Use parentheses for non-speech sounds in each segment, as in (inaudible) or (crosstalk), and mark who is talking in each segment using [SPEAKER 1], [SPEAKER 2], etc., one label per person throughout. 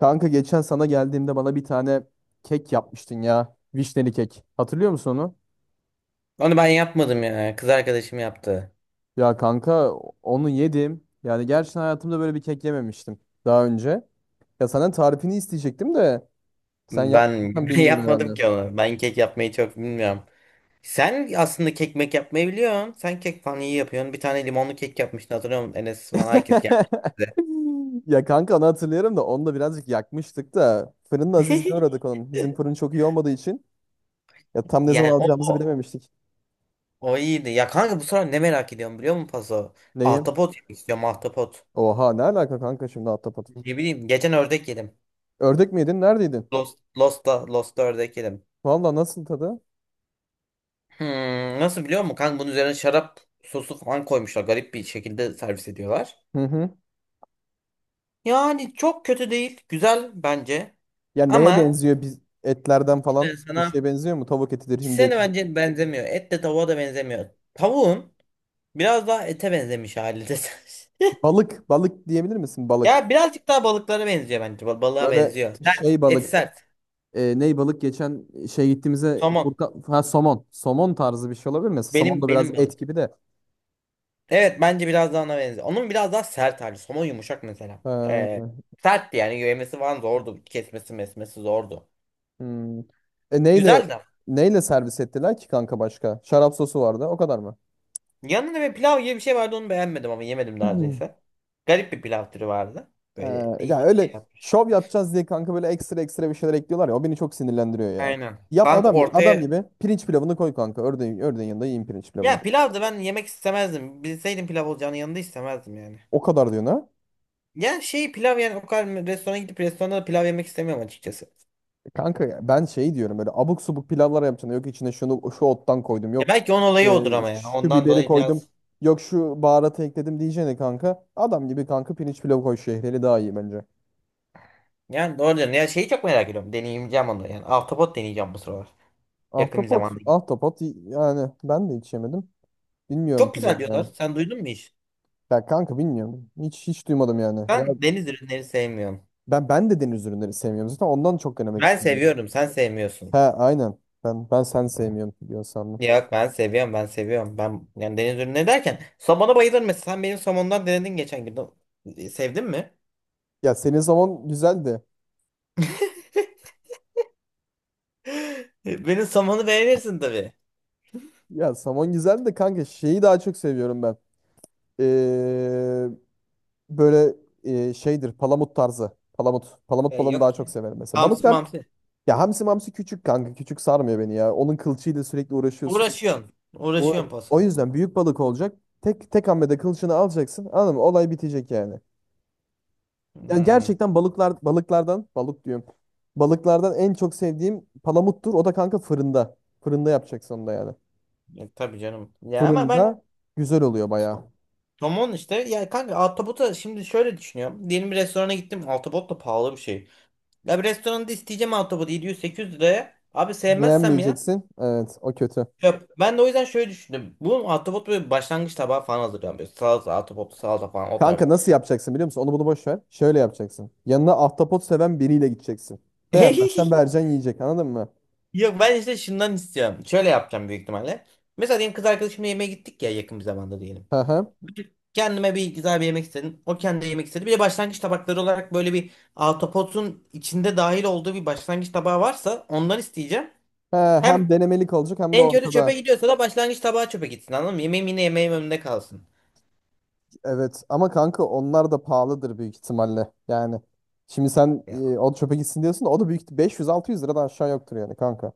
[SPEAKER 1] Kanka geçen sana geldiğimde bana bir tane kek yapmıştın ya. Vişneli kek. Hatırlıyor musun onu?
[SPEAKER 2] Onu ben yapmadım ya. Kız arkadaşım yaptı.
[SPEAKER 1] Ya kanka onu yedim. Yani gerçekten hayatımda böyle bir kek yememiştim daha önce. Ya senden tarifini isteyecektim de sen
[SPEAKER 2] Ben
[SPEAKER 1] yapmışsan
[SPEAKER 2] (laughs) ben
[SPEAKER 1] bilmiyorsun
[SPEAKER 2] yapmadım
[SPEAKER 1] herhalde.
[SPEAKER 2] ki onu. Ben kek yapmayı çok bilmiyorum. Sen aslında kek mek yapmayı biliyorsun. Sen kek falan iyi yapıyorsun. Bir tane limonlu kek yapmıştın, hatırlıyor musun? Enes falan herkes gelmiş
[SPEAKER 1] (laughs)
[SPEAKER 2] bize.
[SPEAKER 1] Ya kanka onu hatırlıyorum da onu da birazcık yakmıştık da fırının azizliğine
[SPEAKER 2] (laughs)
[SPEAKER 1] uğradık onun. Bizim fırın çok iyi olmadığı için ya tam ne
[SPEAKER 2] Yani
[SPEAKER 1] zaman alacağımızı bilememiştik.
[SPEAKER 2] o iyiydi. Ya kanka, bu sıra ne merak ediyorum biliyor musun Paso?
[SPEAKER 1] Neyi?
[SPEAKER 2] Ahtapot yemek istiyorum, ahtapot.
[SPEAKER 1] Oha ne alaka kanka şimdi ahtapot.
[SPEAKER 2] Ne bileyim, geçen ördek yedim.
[SPEAKER 1] Ördek mi yedin? Neredeydin?
[SPEAKER 2] Lost'ta ördek yedim.
[SPEAKER 1] Valla nasıl tadı?
[SPEAKER 2] Hmm, nasıl biliyor musun? Kanka bunun üzerine şarap sosu falan koymuşlar. Garip bir şekilde servis ediyorlar.
[SPEAKER 1] Hı hı.
[SPEAKER 2] Yani çok kötü değil. Güzel bence.
[SPEAKER 1] Ya neye
[SPEAKER 2] Ama
[SPEAKER 1] benziyor biz etlerden
[SPEAKER 2] işte
[SPEAKER 1] falan? Bir
[SPEAKER 2] sana
[SPEAKER 1] şeye benziyor mu? Tavuk etidir, hindi
[SPEAKER 2] ikisine de
[SPEAKER 1] etidir.
[SPEAKER 2] bence benzemiyor. Et de tavuğa da benzemiyor. Tavuğun biraz daha ete benzemiş hali de. (laughs)
[SPEAKER 1] Balık, balık diyebilir misin? Balık.
[SPEAKER 2] Ya birazcık daha balıklara benziyor bence. Ba- Balığa
[SPEAKER 1] Böyle
[SPEAKER 2] benziyor. Sert.
[SPEAKER 1] şey
[SPEAKER 2] Eti
[SPEAKER 1] balık.
[SPEAKER 2] sert.
[SPEAKER 1] Ney balık geçen şey gittiğimizde
[SPEAKER 2] Somon.
[SPEAKER 1] Furkan, ha, somon. Somon tarzı bir şey olabilir mi? Somon
[SPEAKER 2] Benim
[SPEAKER 1] da
[SPEAKER 2] benim
[SPEAKER 1] biraz
[SPEAKER 2] balık.
[SPEAKER 1] et gibi de.
[SPEAKER 2] Evet, bence biraz daha ona benziyor. Onun biraz daha sert hali. Somon yumuşak mesela.
[SPEAKER 1] Ha,
[SPEAKER 2] Ee, sertti yani. Yemesi falan zordu. Kesmesi mesmesi zordu.
[SPEAKER 1] hmm. Neyle
[SPEAKER 2] Güzeldi.
[SPEAKER 1] neyle servis ettiler ki kanka başka? Şarap sosu vardı. O kadar mı?
[SPEAKER 2] Yanında bir pilav gibi bir şey vardı, onu beğenmedim ama yemedim
[SPEAKER 1] (clears throat)
[SPEAKER 2] neredeyse. Garip bir pilav türü vardı.
[SPEAKER 1] Ee,
[SPEAKER 2] Böyle
[SPEAKER 1] ya
[SPEAKER 2] değişik bir
[SPEAKER 1] öyle
[SPEAKER 2] şey yaptı.
[SPEAKER 1] şov yapacağız diye kanka böyle ekstra ekstra bir şeyler ekliyorlar ya o beni çok sinirlendiriyor ya.
[SPEAKER 2] Aynen.
[SPEAKER 1] Yap
[SPEAKER 2] Kanka
[SPEAKER 1] adam adam
[SPEAKER 2] ortaya.
[SPEAKER 1] gibi pirinç pilavını koy kanka. Ördeğin, ördeğin yanında yiyin pirinç pilavını.
[SPEAKER 2] Ya pilav da ben yemek istemezdim. Bilseydim pilav olacağını yanında, istemezdim yani.
[SPEAKER 1] O kadar diyorsun ha.
[SPEAKER 2] Ya şey, pilav yani, o kadar restorana gidip restoranda da pilav yemek istemiyorum açıkçası.
[SPEAKER 1] E Kanka ya ben şey diyorum böyle abuk subuk pilavlar yapacaksın. Yok içine şunu şu ottan koydum.
[SPEAKER 2] Ya
[SPEAKER 1] Yok
[SPEAKER 2] belki onun olayı
[SPEAKER 1] e,
[SPEAKER 2] odur ama yani
[SPEAKER 1] şu
[SPEAKER 2] ondan
[SPEAKER 1] biberi
[SPEAKER 2] dolayı
[SPEAKER 1] koydum.
[SPEAKER 2] biraz.
[SPEAKER 1] Yok şu baharatı ekledim diyeceğine kanka. Adam gibi kanka pirinç pilavı koy şehriyeli daha iyi bence.
[SPEAKER 2] Yani doğru diyorsun. Ya şeyi çok merak ediyorum. Deneyeceğim onu. Yani ahtapot deneyeceğim bu sıralar. Yakın bir
[SPEAKER 1] Ahtapot,
[SPEAKER 2] zamanda gidip.
[SPEAKER 1] ahtapot yani ben de hiç yemedim. Bilmiyorum
[SPEAKER 2] Çok güzel
[SPEAKER 1] tadım
[SPEAKER 2] diyorlar.
[SPEAKER 1] yani.
[SPEAKER 2] Sen duydun mu hiç?
[SPEAKER 1] Ya kanka bilmiyorum. Hiç duymadım yani. Ya
[SPEAKER 2] Sen deniz ürünleri sevmiyorsun.
[SPEAKER 1] Ben de deniz ürünleri sevmiyorum zaten. Ondan çok denemek
[SPEAKER 2] Ben
[SPEAKER 1] istemiyorum.
[SPEAKER 2] seviyorum. Sen
[SPEAKER 1] He
[SPEAKER 2] sevmiyorsun.
[SPEAKER 1] aynen. Ben sen sevmiyorum diyor sandım.
[SPEAKER 2] Yok, ben seviyorum. Ben yani deniz ürünü derken somona bayılırım mesela. Sen benim somondan denedin geçen gün. O- Sevdin mi?
[SPEAKER 1] Ya senin zaman güzeldi.
[SPEAKER 2] (laughs) Benim somonu beğenirsin tabii.
[SPEAKER 1] Ya somon güzeldi de kanka şeyi daha çok seviyorum ben. Ee, böyle şeydir palamut tarzı. Palamut. Palamut
[SPEAKER 2] Ya
[SPEAKER 1] balığını daha
[SPEAKER 2] yok ya.
[SPEAKER 1] çok severim mesela.
[SPEAKER 2] Hamsi
[SPEAKER 1] Balıklar
[SPEAKER 2] mamsi.
[SPEAKER 1] ya hamsi mamsi küçük kanka. Küçük sarmıyor beni ya. Onun kılçığıyla sürekli uğraşıyorsun.
[SPEAKER 2] Uğraşıyorsun.
[SPEAKER 1] O,
[SPEAKER 2] Uğraşıyorsun paso.
[SPEAKER 1] o yüzden büyük balık olacak. Tek tek hamlede kılçığını alacaksın. Anladın mı? Olay bitecek yani. Yani
[SPEAKER 2] Hmm.
[SPEAKER 1] gerçekten balıklar balıklardan balık diyorum. Balıklardan en çok sevdiğim palamuttur. O da kanka fırında. Fırında yapacaksın onu da yani.
[SPEAKER 2] Tabii canım. Ya ama ben
[SPEAKER 1] Fırında güzel oluyor bayağı.
[SPEAKER 2] somon işte, ya kanka altabota şimdi şöyle düşünüyorum. Diyelim bir restorana gittim. Altabot da pahalı bir şey. Ya bir restoranda isteyeceğim altabot 700-800 liraya. Abi sevmezsem ya.
[SPEAKER 1] Beğenmeyeceksin. Evet, o kötü.
[SPEAKER 2] Yok, ben de o yüzden şöyle düşündüm. Bu ahtapot böyle başlangıç tabağı falan hazırlıyorum. Böyle salata, ahtapot, salata falan o tarz.
[SPEAKER 1] Kanka nasıl yapacaksın biliyor musun? Onu bunu boş ver. Şöyle yapacaksın. Yanına ahtapot seven biriyle gideceksin. Beğenmezsen
[SPEAKER 2] (laughs)
[SPEAKER 1] vereceksin yiyecek. Anladın mı?
[SPEAKER 2] Yok, ben işte şundan istiyorum. Şöyle yapacağım büyük ihtimalle. Mesela diyelim kız arkadaşımla yemeğe gittik ya, yakın bir zamanda diyelim.
[SPEAKER 1] Hı hı.
[SPEAKER 2] Kendime bir güzel bir yemek istedim. O kendi yemek istedi. Bir de başlangıç tabakları olarak böyle bir ahtapotun içinde dahil olduğu bir başlangıç tabağı varsa ondan isteyeceğim.
[SPEAKER 1] He,
[SPEAKER 2] Hem
[SPEAKER 1] hem denemelik olacak hem de
[SPEAKER 2] en kötü çöpe
[SPEAKER 1] ortada.
[SPEAKER 2] gidiyorsa da başlangıç tabağı çöpe gitsin, anladın mı? Yemeğim yine yemeğim önünde kalsın.
[SPEAKER 1] Evet ama kanka onlar da pahalıdır büyük ihtimalle. Yani şimdi sen o çöpe gitsin diyorsun da o da büyük 500-600 liradan aşağı yoktur yani kanka.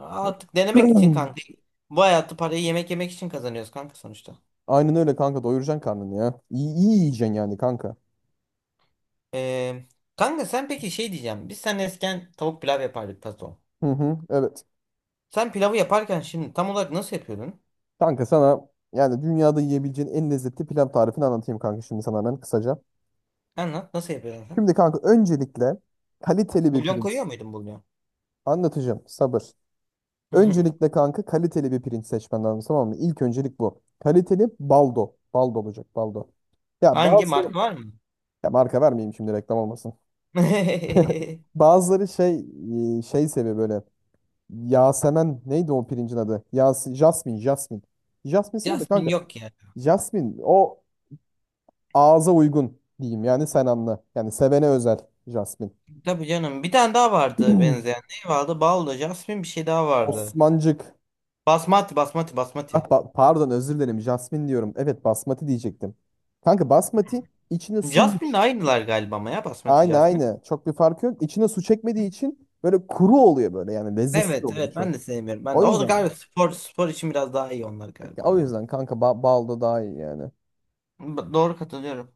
[SPEAKER 2] Artık denemek için kanka.
[SPEAKER 1] (clears throat)
[SPEAKER 2] Bu hayatı parayı yemek yemek için kazanıyoruz kanka sonuçta.
[SPEAKER 1] Aynen öyle kanka doyuracaksın karnını ya. İyi, iyi yiyeceksin yani kanka.
[SPEAKER 2] Ee, kanka sen peki şey diyeceğim. Sen eskiden tavuk pilav yapardık tato.
[SPEAKER 1] Hı hı, evet.
[SPEAKER 2] Sen pilavı yaparken şimdi tam olarak nasıl yapıyordun?
[SPEAKER 1] Kanka sana yani dünyada yiyebileceğin en lezzetli pilav tarifini anlatayım kanka şimdi sana hemen kısaca.
[SPEAKER 2] Anlat, nasıl yapıyordun sen?
[SPEAKER 1] Şimdi kanka öncelikle kaliteli bir
[SPEAKER 2] Bulyon koyuyor
[SPEAKER 1] pirinç.
[SPEAKER 2] muydun, bulyon?
[SPEAKER 1] Anlatacağım sabır.
[SPEAKER 2] (laughs)
[SPEAKER 1] Öncelikle kanka kaliteli bir pirinç seçmen lazım tamam mı? İlk öncelik bu. Kaliteli baldo. Baldo olacak baldo. Ya
[SPEAKER 2] Hangi marka
[SPEAKER 1] bazıları
[SPEAKER 2] var mı?
[SPEAKER 1] ya marka vermeyeyim şimdi reklam olmasın.
[SPEAKER 2] (laughs)
[SPEAKER 1] Bazıları şey şey seviyor böyle. Yasemen neydi o pirincin adı? Yas Jasmin, Jasmin. Jasmin seviyor da
[SPEAKER 2] Jasmine
[SPEAKER 1] kanka.
[SPEAKER 2] yok ya.
[SPEAKER 1] Jasmin o ağza uygun diyeyim yani sen anla. Yani sevene özel Jasmin.
[SPEAKER 2] Tabii canım. Bir tane daha vardı benzeyen.
[SPEAKER 1] (clears throat)
[SPEAKER 2] Ne vardı? Baldo, Jasmine, bir şey daha vardı.
[SPEAKER 1] Osmancık. Ah,
[SPEAKER 2] Basmati.
[SPEAKER 1] pardon özür dilerim Jasmin diyorum. Evet basmati diyecektim. Kanka basmati içine su mu?
[SPEAKER 2] Jasmine'le
[SPEAKER 1] Ç-
[SPEAKER 2] aynılar galiba ama ya basmati,
[SPEAKER 1] Aynı
[SPEAKER 2] Jasmine.
[SPEAKER 1] aynı. Çok bir fark yok. İçine su çekmediği için böyle kuru oluyor böyle yani lezzetsiz
[SPEAKER 2] Evet
[SPEAKER 1] oluyor
[SPEAKER 2] evet
[SPEAKER 1] çok.
[SPEAKER 2] ben de sevmiyorum. Ben
[SPEAKER 1] O
[SPEAKER 2] de. O da
[SPEAKER 1] yüzden.
[SPEAKER 2] galiba spor için biraz daha iyi onlar
[SPEAKER 1] Ya
[SPEAKER 2] galiba
[SPEAKER 1] o
[SPEAKER 2] onlar.
[SPEAKER 1] yüzden kanka balda daha iyi yani.
[SPEAKER 2] B- Doğru, katılıyorum.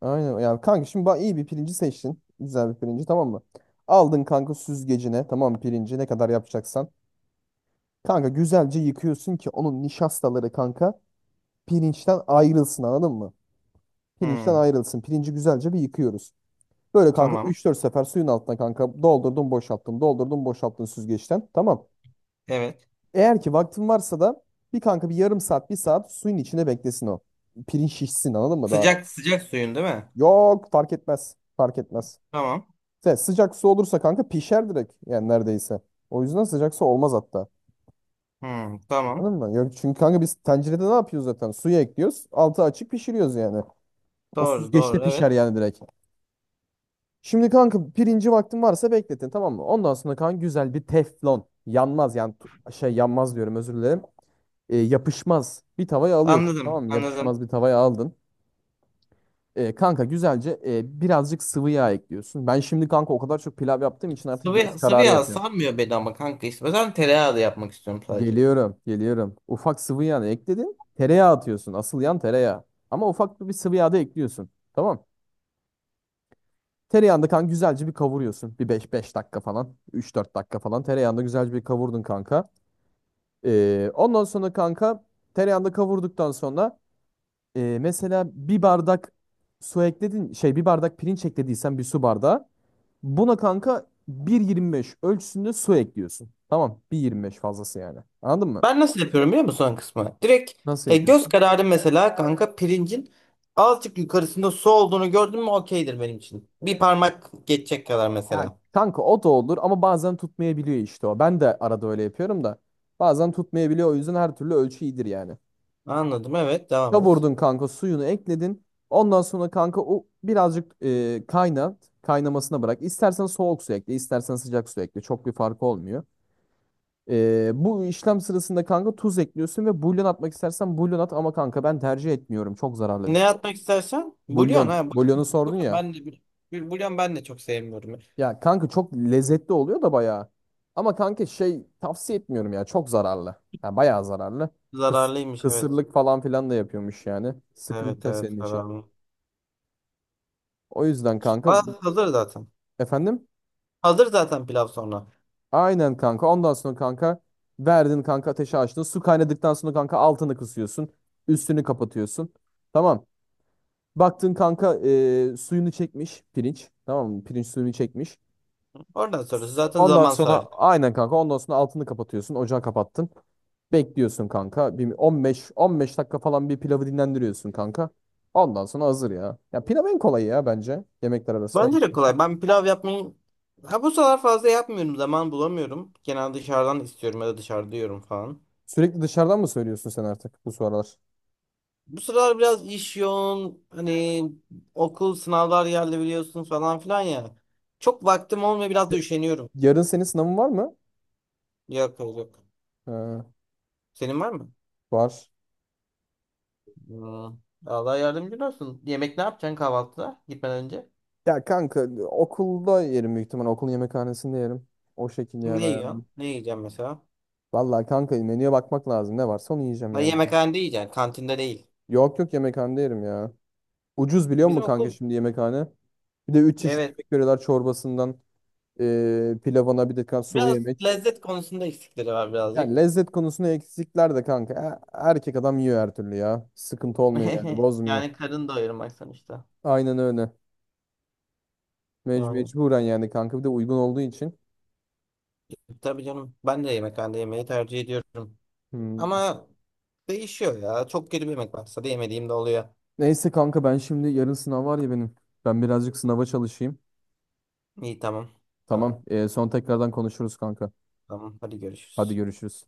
[SPEAKER 1] Aynen yani kanka şimdi iyi bir pirinci seçtin. Güzel bir pirinci tamam mı? Aldın kanka süzgecine tamam mı, pirinci ne kadar yapacaksan. Kanka güzelce yıkıyorsun ki onun nişastaları kanka pirinçten ayrılsın anladın mı? Pirinçten
[SPEAKER 2] Hmm,
[SPEAKER 1] ayrılsın. Pirinci güzelce bir yıkıyoruz. Böyle kanka
[SPEAKER 2] tamam.
[SPEAKER 1] üç dört sefer suyun altına kanka doldurdum boşalttım doldurdum boşalttın süzgeçten tamam.
[SPEAKER 2] Evet.
[SPEAKER 1] Eğer ki vaktin varsa da bir kanka bir yarım saat bir saat suyun içine beklesin o. Pirinç şişsin anladın mı daha.
[SPEAKER 2] Sıcak sıcak suyun değil mi?
[SPEAKER 1] Yok fark etmez. Fark etmez.
[SPEAKER 2] Tamam.
[SPEAKER 1] Sıcak su olursa kanka pişer direkt. Yani neredeyse. O yüzden sıcak su olmaz hatta.
[SPEAKER 2] Hmm, tamam.
[SPEAKER 1] Anladın mı? Yok çünkü kanka biz tencerede ne yapıyoruz zaten? Suyu ekliyoruz. Altı açık pişiriyoruz yani. O
[SPEAKER 2] Doğru
[SPEAKER 1] süzgeçte
[SPEAKER 2] doğru evet.
[SPEAKER 1] pişer yani direkt. Şimdi kanka pirinci vaktin varsa bekletin tamam mı? Ondan sonra kanka güzel bir teflon. Yanmaz yani şey yanmaz diyorum özür dilerim. Yapışmaz bir tavaya alıyorsun tamam
[SPEAKER 2] Anladım
[SPEAKER 1] mı?
[SPEAKER 2] anladım.
[SPEAKER 1] Yapışmaz bir tavaya aldın. Kanka güzelce birazcık sıvı yağ ekliyorsun. Ben şimdi kanka o kadar çok pilav yaptığım için artık göz
[SPEAKER 2] Sıvı
[SPEAKER 1] kararı
[SPEAKER 2] yağ
[SPEAKER 1] yapıyorum.
[SPEAKER 2] sarmıyor beni ama kanka işte. O yüzden tereyağı da yapmak istiyorum sadece.
[SPEAKER 1] Geliyorum, geliyorum. Ufak sıvı yağını ekledin. Tereyağı atıyorsun. Asıl yan tereyağı. Ama ufak bir sıvı yağ da ekliyorsun. Tamam. Tereyağını da kanka güzelce bir kavuruyorsun. Bir beş dakika falan. Üç dört dakika falan. Tereyağını da güzelce bir kavurdun kanka. Ondan sonra kanka tereyağını da kavurduktan sonra mesela bir bardak su ekledin. Şey bir bardak pirinç eklediysen bir su bardağı. Buna kanka 1.25 ölçüsünde su ekliyorsun. Tamam 1.25 fazlası yani. Anladın mı?
[SPEAKER 2] Ben nasıl yapıyorum biliyor musun son kısmı? Direkt
[SPEAKER 1] Nasıl
[SPEAKER 2] göz
[SPEAKER 1] yapıyorsun?
[SPEAKER 2] kararı mesela kanka, pirincin azıcık yukarısında su olduğunu gördün mü okeydir benim için. Bir parmak geçecek kadar
[SPEAKER 1] Ya
[SPEAKER 2] mesela.
[SPEAKER 1] kanka o da olur ama bazen tutmayabiliyor işte o. Ben de arada öyle yapıyorum da. Bazen tutmayabiliyor o yüzden her türlü ölçü iyidir yani.
[SPEAKER 2] Anladım. Evet, devam et.
[SPEAKER 1] Kavurdun kanka suyunu ekledin. Ondan sonra kanka o birazcık kaynat. Kaynamasına bırak. İstersen soğuk su ekle, istersen sıcak su ekle. Çok bir farkı olmuyor. Bu işlem sırasında kanka tuz ekliyorsun ve bulyon atmak istersen bulyon at ama kanka ben tercih etmiyorum. Çok zararlı bir
[SPEAKER 2] Ne
[SPEAKER 1] şey.
[SPEAKER 2] atmak istersen? Bulyon
[SPEAKER 1] Bulyon.
[SPEAKER 2] ha. bu-
[SPEAKER 1] Bulyonu sordun
[SPEAKER 2] Bulyon,
[SPEAKER 1] ya.
[SPEAKER 2] ben de bir bir bulyon ben de çok sevmiyorum.
[SPEAKER 1] Ya kanka çok lezzetli oluyor da bayağı. Ama kanka şey tavsiye etmiyorum ya. Çok zararlı. Ya bayağı zararlı. Kıs
[SPEAKER 2] Zararlıymış, evet.
[SPEAKER 1] kısırlık falan filan da yapıyormuş yani.
[SPEAKER 2] Evet
[SPEAKER 1] Sıkıntı
[SPEAKER 2] evet
[SPEAKER 1] senin için.
[SPEAKER 2] zararlı.
[SPEAKER 1] O yüzden kanka
[SPEAKER 2] Aa, hazır zaten.
[SPEAKER 1] efendim?
[SPEAKER 2] Hazır zaten pilav sonra.
[SPEAKER 1] Aynen kanka. Ondan sonra kanka verdin kanka ateşi açtın. Su kaynadıktan sonra kanka altını kısıyorsun. Üstünü kapatıyorsun. Tamam. Baktın kanka suyunu çekmiş pirinç. Tamam mı? Pirinç suyunu çekmiş.
[SPEAKER 2] Oradan sonrası zaten
[SPEAKER 1] Ondan
[SPEAKER 2] zaman
[SPEAKER 1] sonra
[SPEAKER 2] sadece.
[SPEAKER 1] aynen kanka ondan sonra altını kapatıyorsun. Ocağı kapattın. Bekliyorsun kanka. Bir 15 dakika falan bir pilavı dinlendiriyorsun kanka. Ondan sonra hazır ya. Ya pilav en kolayı ya bence yemekler arasında.
[SPEAKER 2] Bence de kolay. Ben pilav yapmayı ha bu sıralar fazla yapmıyorum. Zaman bulamıyorum. Genelde dışarıdan istiyorum ya da dışarıda yiyorum falan.
[SPEAKER 1] Sürekli dışarıdan mı söylüyorsun sen artık bu sıralar?
[SPEAKER 2] Bu sıralar biraz iş yoğun. Hani okul sınavlar geldi biliyorsun falan filan ya. Çok vaktim olmuyor, biraz da
[SPEAKER 1] De-
[SPEAKER 2] üşeniyorum.
[SPEAKER 1] Yarın senin sınavın var mı?
[SPEAKER 2] Yok, yok, yok.
[SPEAKER 1] Ee,
[SPEAKER 2] Senin var mı?
[SPEAKER 1] var.
[SPEAKER 2] Aa, Allah yardımcın olsun. Yemek ne yapacaksın kahvaltıda gitmeden önce?
[SPEAKER 1] Ya kanka okulda yerim büyük ihtimal. Okulun yemekhanesinde yerim. O şekilde yani
[SPEAKER 2] Ne
[SPEAKER 1] ayarlar.
[SPEAKER 2] yiyorsun? Ne yiyeceğim mesela?
[SPEAKER 1] Vallahi kanka menüye bakmak lazım. Ne varsa onu yiyeceğim
[SPEAKER 2] Ha,
[SPEAKER 1] yani.
[SPEAKER 2] yemekhanede yiyeceksin. Kantinde değil.
[SPEAKER 1] Yok yok yemekhanede yerim ya. Ucuz biliyor musun
[SPEAKER 2] Bizim
[SPEAKER 1] kanka
[SPEAKER 2] okul,
[SPEAKER 1] şimdi yemekhane? Bir de üç çeşit
[SPEAKER 2] evet.
[SPEAKER 1] yemek veriyorlar çorbasından pilavına bir de kan sulu
[SPEAKER 2] Biraz
[SPEAKER 1] yemek.
[SPEAKER 2] lezzet konusunda eksikleri var
[SPEAKER 1] Yani
[SPEAKER 2] birazcık.
[SPEAKER 1] lezzet konusunda eksikler de kanka. Erkek adam yiyor her türlü ya. Sıkıntı olmuyor yani
[SPEAKER 2] (laughs)
[SPEAKER 1] bozmuyor.
[SPEAKER 2] Yani karın doyurmak sonuçta.
[SPEAKER 1] Aynen öyle.
[SPEAKER 2] Yani
[SPEAKER 1] Mecburen yani kanka bir de uygun olduğu için.
[SPEAKER 2] tabii canım. Ben de yemekhanede yemeği tercih ediyorum.
[SPEAKER 1] Hmm.
[SPEAKER 2] Ama değişiyor ya. Çok kötü bir yemek varsa da yemediğim de oluyor.
[SPEAKER 1] Neyse kanka ben şimdi yarın sınav var ya benim. Ben birazcık sınava çalışayım.
[SPEAKER 2] İyi, tamam. Tamam.
[SPEAKER 1] Tamam. Son tekrardan konuşuruz kanka.
[SPEAKER 2] Tamam. Hadi
[SPEAKER 1] Hadi
[SPEAKER 2] görüşürüz.
[SPEAKER 1] görüşürüz.